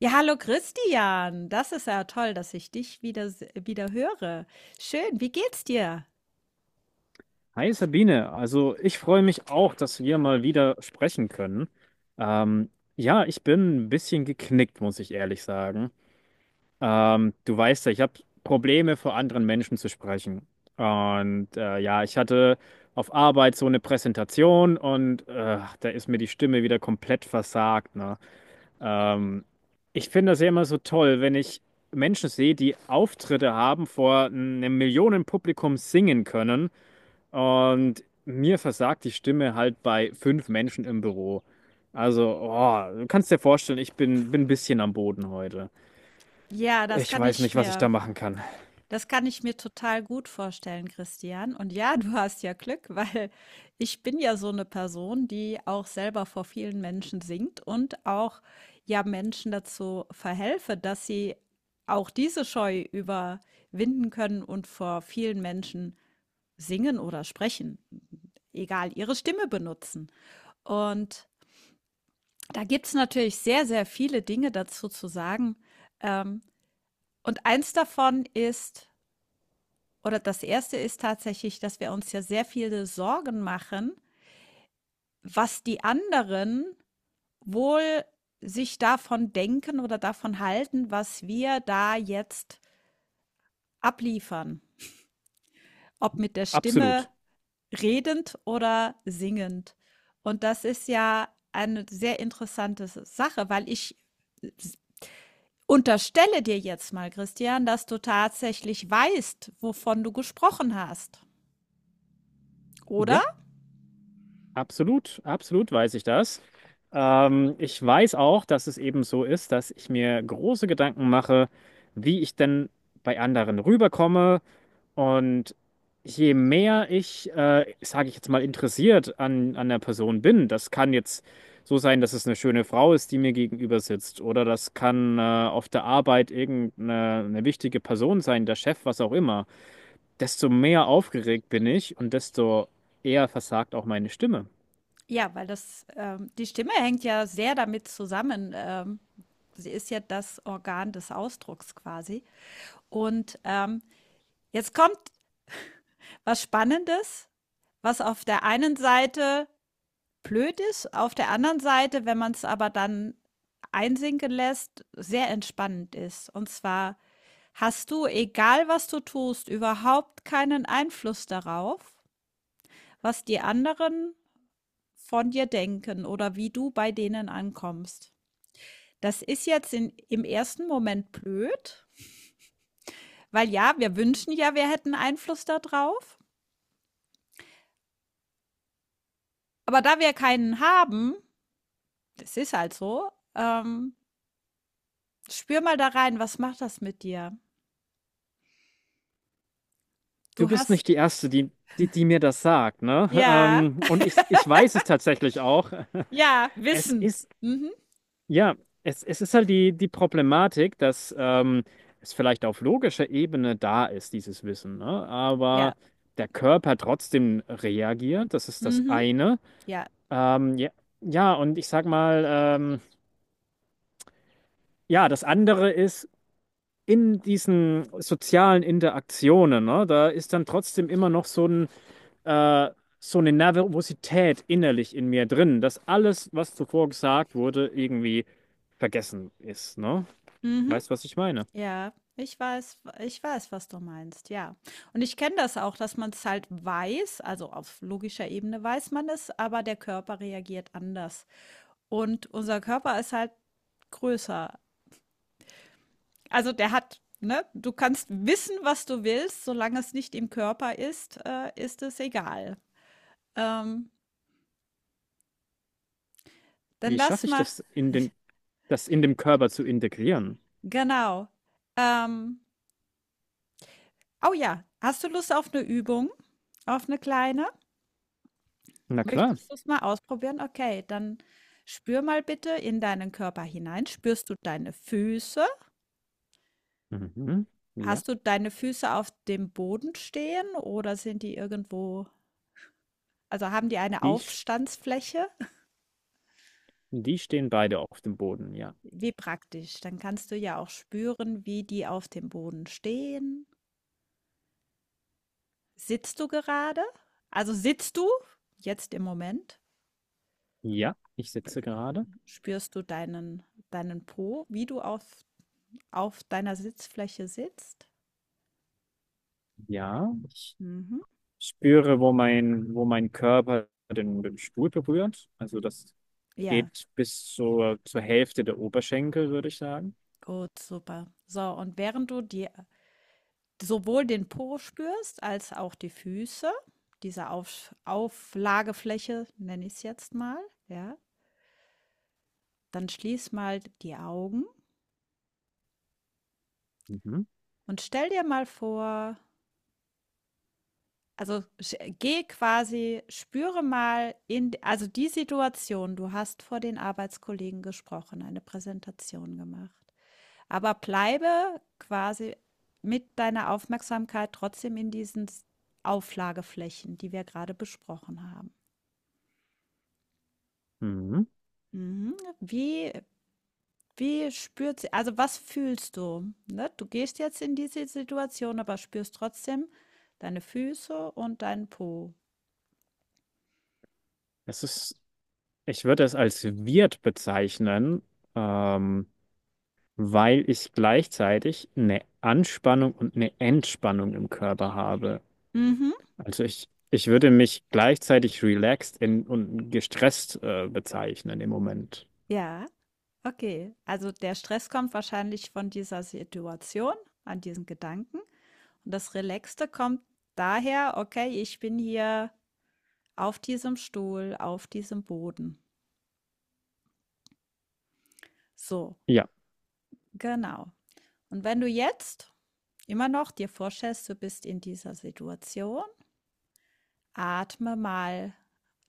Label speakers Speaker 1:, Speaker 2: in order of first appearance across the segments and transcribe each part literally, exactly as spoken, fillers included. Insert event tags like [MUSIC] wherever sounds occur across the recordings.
Speaker 1: Ja, hallo Christian. Das ist ja toll, dass ich dich wieder, se- wieder höre. Schön, wie geht's dir?
Speaker 2: Hi Sabine, also ich freue mich auch, dass wir mal wieder sprechen können. Ähm, ja, ich bin ein bisschen geknickt, muss ich ehrlich sagen. Ähm, du weißt ja, ich habe Probleme, vor anderen Menschen zu sprechen. Und äh, ja, ich hatte auf Arbeit so eine Präsentation und äh, da ist mir die Stimme wieder komplett versagt, ne? Ähm, Ich finde das ja immer so toll, wenn ich Menschen sehe, die Auftritte haben, vor einem Millionenpublikum singen können. Und mir versagt die Stimme halt bei fünf Menschen im Büro. Also, oh, du kannst dir vorstellen, ich bin, bin ein bisschen am Boden heute.
Speaker 1: Ja, das
Speaker 2: Ich
Speaker 1: kann
Speaker 2: weiß
Speaker 1: ich
Speaker 2: nicht, was ich
Speaker 1: mir,
Speaker 2: da machen kann.
Speaker 1: das kann ich mir total gut vorstellen, Christian. Und ja, [LAUGHS] du hast ja Glück, weil ich bin ja so eine Person, die auch selber vor vielen Menschen singt und auch ja Menschen dazu verhelfe, dass sie auch diese Scheu überwinden können und vor vielen Menschen singen oder sprechen, egal ihre Stimme benutzen. Und da gibt's natürlich sehr, sehr viele Dinge dazu zu sagen. Ähm, und eins davon ist oder das erste ist tatsächlich, dass wir uns ja sehr viele Sorgen machen, was die anderen wohl sich davon denken oder davon halten, was wir da jetzt abliefern, ob mit der Stimme
Speaker 2: Absolut.
Speaker 1: redend oder singend. Und das ist ja eine sehr interessante Sache, weil ich unterstelle dir jetzt mal, Christian, dass du tatsächlich weißt, wovon du gesprochen hast. Oder?
Speaker 2: Ja, absolut, absolut weiß ich das. Ähm, ich weiß auch, dass es eben so ist, dass ich mir große Gedanken mache, wie ich denn bei anderen rüberkomme. Und je mehr ich, äh, sage ich jetzt mal, interessiert an, an der Person bin, das kann jetzt so sein, dass es eine schöne Frau ist, die mir gegenüber sitzt, oder das kann äh, auf der Arbeit irgendeine eine wichtige Person sein, der Chef, was auch immer, desto mehr aufgeregt bin ich und desto eher versagt auch meine Stimme.
Speaker 1: Ja, weil das, ähm, die Stimme hängt ja sehr damit zusammen. Ähm, sie ist ja das Organ des Ausdrucks quasi. Und ähm, jetzt kommt was Spannendes, was auf der einen Seite blöd ist, auf der anderen Seite, wenn man es aber dann einsinken lässt, sehr entspannend ist. Und zwar hast du, egal was du tust, überhaupt keinen Einfluss darauf, was die anderen von dir denken oder wie du bei denen ankommst? Das ist jetzt in, im ersten Moment blöd, weil ja, wir wünschen ja, wir hätten Einfluss darauf. Aber da wir keinen haben, das ist halt so. Ähm, spür mal da rein, was macht das mit dir?
Speaker 2: Du
Speaker 1: Du
Speaker 2: bist nicht die
Speaker 1: hast,
Speaker 2: Erste, die, die, die mir das sagt, ne? [LAUGHS]
Speaker 1: ja,
Speaker 2: Ähm, und ich, ich weiß es tatsächlich auch. [LAUGHS]
Speaker 1: ja,
Speaker 2: Es
Speaker 1: Wissen.
Speaker 2: ist,
Speaker 1: Mhm,
Speaker 2: ja, es, es ist halt die, die Problematik, dass ähm, es vielleicht auf logischer Ebene da ist, dieses Wissen, ne?
Speaker 1: ja,
Speaker 2: Aber der Körper trotzdem reagiert, das ist das
Speaker 1: mhm,
Speaker 2: eine.
Speaker 1: ja,
Speaker 2: Ähm, ja, ja, und ich sag mal, ähm, ja, das andere ist in diesen sozialen Interaktionen, ne? Da ist dann trotzdem immer noch so ein, äh, so eine Nervosität innerlich in mir drin, dass alles, was zuvor gesagt wurde, irgendwie vergessen ist, ne?
Speaker 1: mhm.
Speaker 2: Weißt du, was ich meine?
Speaker 1: Ja, ich weiß ich weiß, was du meinst, ja. Und ich kenne das auch, dass man es halt weiß, also auf logischer Ebene weiß man es, aber der Körper reagiert anders. Und unser Körper ist halt größer. Also, der hat ne, du kannst wissen, was du willst, solange es nicht im Körper ist, äh, ist es egal. Ähm, Dann
Speaker 2: Wie
Speaker 1: lass
Speaker 2: schaffe ich
Speaker 1: mal.
Speaker 2: das in den, das in dem Körper zu integrieren?
Speaker 1: Genau. Ähm, oh ja, hast du Lust auf eine Übung? Auf eine kleine?
Speaker 2: Na klar.
Speaker 1: Möchtest du es mal ausprobieren? Okay, dann spür mal bitte in deinen Körper hinein. Spürst du deine Füße?
Speaker 2: Mhm. Ja.
Speaker 1: Hast du deine Füße auf dem Boden stehen oder sind die irgendwo, also haben die eine
Speaker 2: Die, sch-
Speaker 1: Aufstandsfläche?
Speaker 2: Die stehen beide auf dem Boden, ja.
Speaker 1: Wie praktisch. Dann kannst du ja auch spüren, wie die auf dem Boden stehen. Sitzt du gerade? Also sitzt du jetzt im Moment?
Speaker 2: Ja, ich sitze gerade.
Speaker 1: Spürst du deinen deinen Po, wie du auf auf deiner Sitzfläche sitzt?
Speaker 2: Ja, ich
Speaker 1: Mhm.
Speaker 2: spüre, wo mein, wo mein Körper den, den Stuhl berührt. Also das
Speaker 1: Ja.
Speaker 2: geht bis zur, zur Hälfte der Oberschenkel, würde ich sagen.
Speaker 1: Gut, super. So, und während du die sowohl den Po spürst als auch die Füße, diese Auf Auflagefläche nenne ich es jetzt mal, ja, dann schließ mal die Augen
Speaker 2: Mhm.
Speaker 1: und stell dir mal vor, also sch- geh quasi, spüre mal in, also die Situation, du hast vor den Arbeitskollegen gesprochen, eine Präsentation gemacht. Aber bleibe quasi mit deiner Aufmerksamkeit trotzdem in diesen S Auflageflächen, die wir gerade besprochen haben.
Speaker 2: Mhm.
Speaker 1: Mhm. Wie wie spürt sie also, was fühlst du, ne? Du gehst jetzt in diese Situation, aber spürst trotzdem deine Füße und deinen Po.
Speaker 2: Es ist, ich würde es als Wirt bezeichnen, ähm, weil ich gleichzeitig eine Anspannung und eine Entspannung im Körper habe.
Speaker 1: Mhm.
Speaker 2: Also ich, ich würde mich gleichzeitig relaxed in, und gestresst äh, bezeichnen im Moment.
Speaker 1: Ja, okay. Also, der Stress kommt wahrscheinlich von dieser Situation, an diesen Gedanken, und das Relaxte kommt daher: „Okay, ich bin hier auf diesem Stuhl, auf diesem Boden.“ So,
Speaker 2: Ja,
Speaker 1: genau. Und wenn du jetzt immer noch dir vorstellst, du bist in dieser Situation, atme mal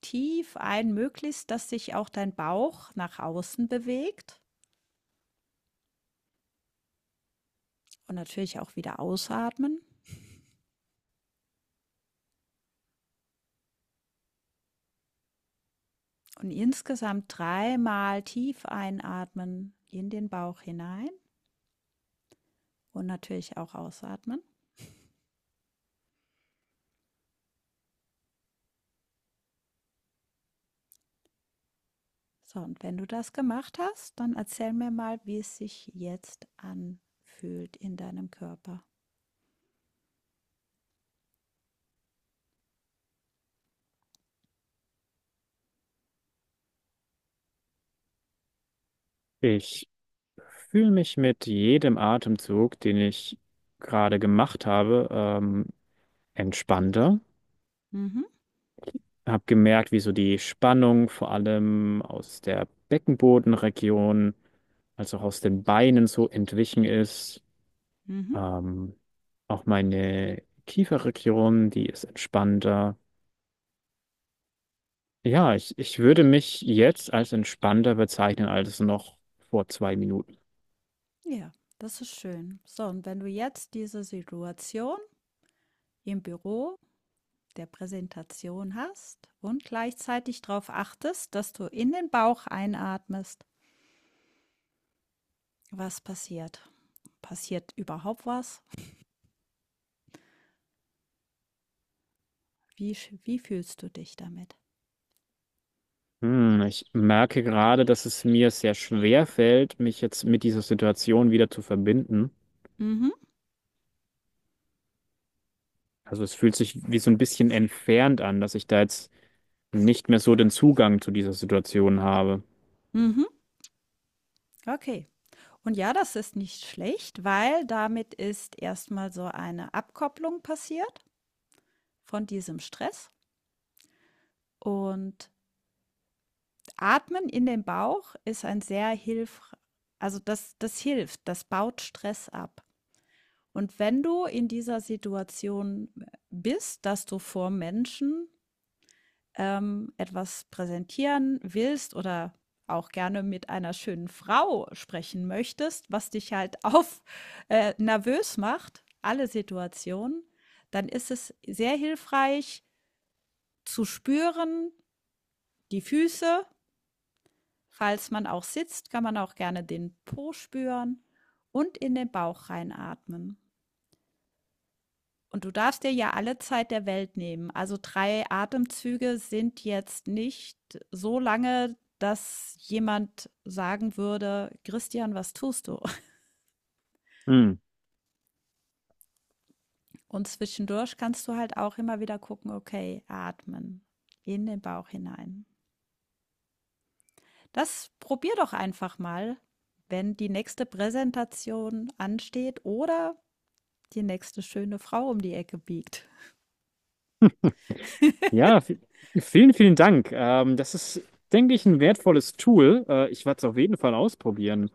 Speaker 1: tief ein, möglichst, dass sich auch dein Bauch nach außen bewegt und natürlich auch wieder ausatmen. Und insgesamt dreimal tief einatmen in den Bauch hinein und natürlich auch ausatmen. So, und wenn du das gemacht hast, dann erzähl mir mal, wie es sich jetzt anfühlt in deinem Körper.
Speaker 2: ich fühle mich mit jedem Atemzug, den ich gerade gemacht habe, ähm, entspannter.
Speaker 1: Mhm,
Speaker 2: Habe gemerkt, wie so die Spannung vor allem aus der Beckenbodenregion, als auch aus den Beinen so entwichen ist.
Speaker 1: mhm.
Speaker 2: Ähm, Auch meine Kieferregion, die ist entspannter. Ja, ich, ich würde mich jetzt als entspannter bezeichnen als noch vor zwei Minuten.
Speaker 1: Ja, das ist schön. So, und wenn du jetzt diese Situation im Büro der Präsentation hast und gleichzeitig darauf achtest, dass du in den Bauch einatmest, was passiert? Passiert überhaupt was? Wie, wie fühlst du dich damit?
Speaker 2: Hm, ich merke gerade, dass es mir sehr schwer fällt, mich jetzt mit dieser Situation wieder zu verbinden.
Speaker 1: Mhm,
Speaker 2: Also es fühlt sich wie so ein bisschen entfernt an, dass ich da jetzt nicht mehr so den Zugang zu dieser Situation habe.
Speaker 1: mhm. Okay. Und ja, das ist nicht schlecht, weil damit ist erstmal so eine Abkopplung passiert von diesem Stress. Und Atmen in den Bauch ist ein sehr hilf, also das, das hilft, das baut Stress ab. Und wenn du in dieser Situation bist, dass du vor Menschen ähm, etwas präsentieren willst oder auch gerne mit einer schönen Frau sprechen möchtest, was dich halt [LAUGHS] auf äh, nervös macht, alle Situationen, dann ist es sehr hilfreich zu spüren, die Füße, falls man auch sitzt, kann man auch gerne den Po spüren und in den Bauch reinatmen. Und du darfst dir ja alle Zeit der Welt nehmen. Also drei Atemzüge sind jetzt nicht so lange, dass jemand sagen würde: „Christian, was tust du?“
Speaker 2: Hm.
Speaker 1: Und zwischendurch kannst du halt auch immer wieder gucken: „Okay, atmen in den Bauch hinein.“ Das probier doch einfach mal, wenn die nächste Präsentation ansteht oder die nächste schöne Frau um die Ecke biegt.
Speaker 2: Ja, vi- vielen, vielen Dank. Ähm, das ist, denke ich, ein wertvolles Tool. Äh, ich werde es auf jeden Fall ausprobieren.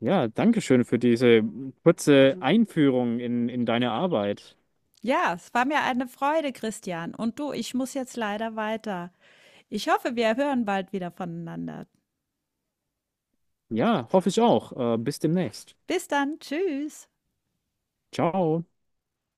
Speaker 2: Ja, danke schön für diese kurze Einführung in, in deine Arbeit.
Speaker 1: Ja, es war mir eine Freude, Christian. Und du, ich muss jetzt leider weiter. Ich hoffe, wir hören bald wieder voneinander.
Speaker 2: Ja, hoffe ich auch. Äh, bis demnächst.
Speaker 1: Bis dann, tschüss.
Speaker 2: Ciao.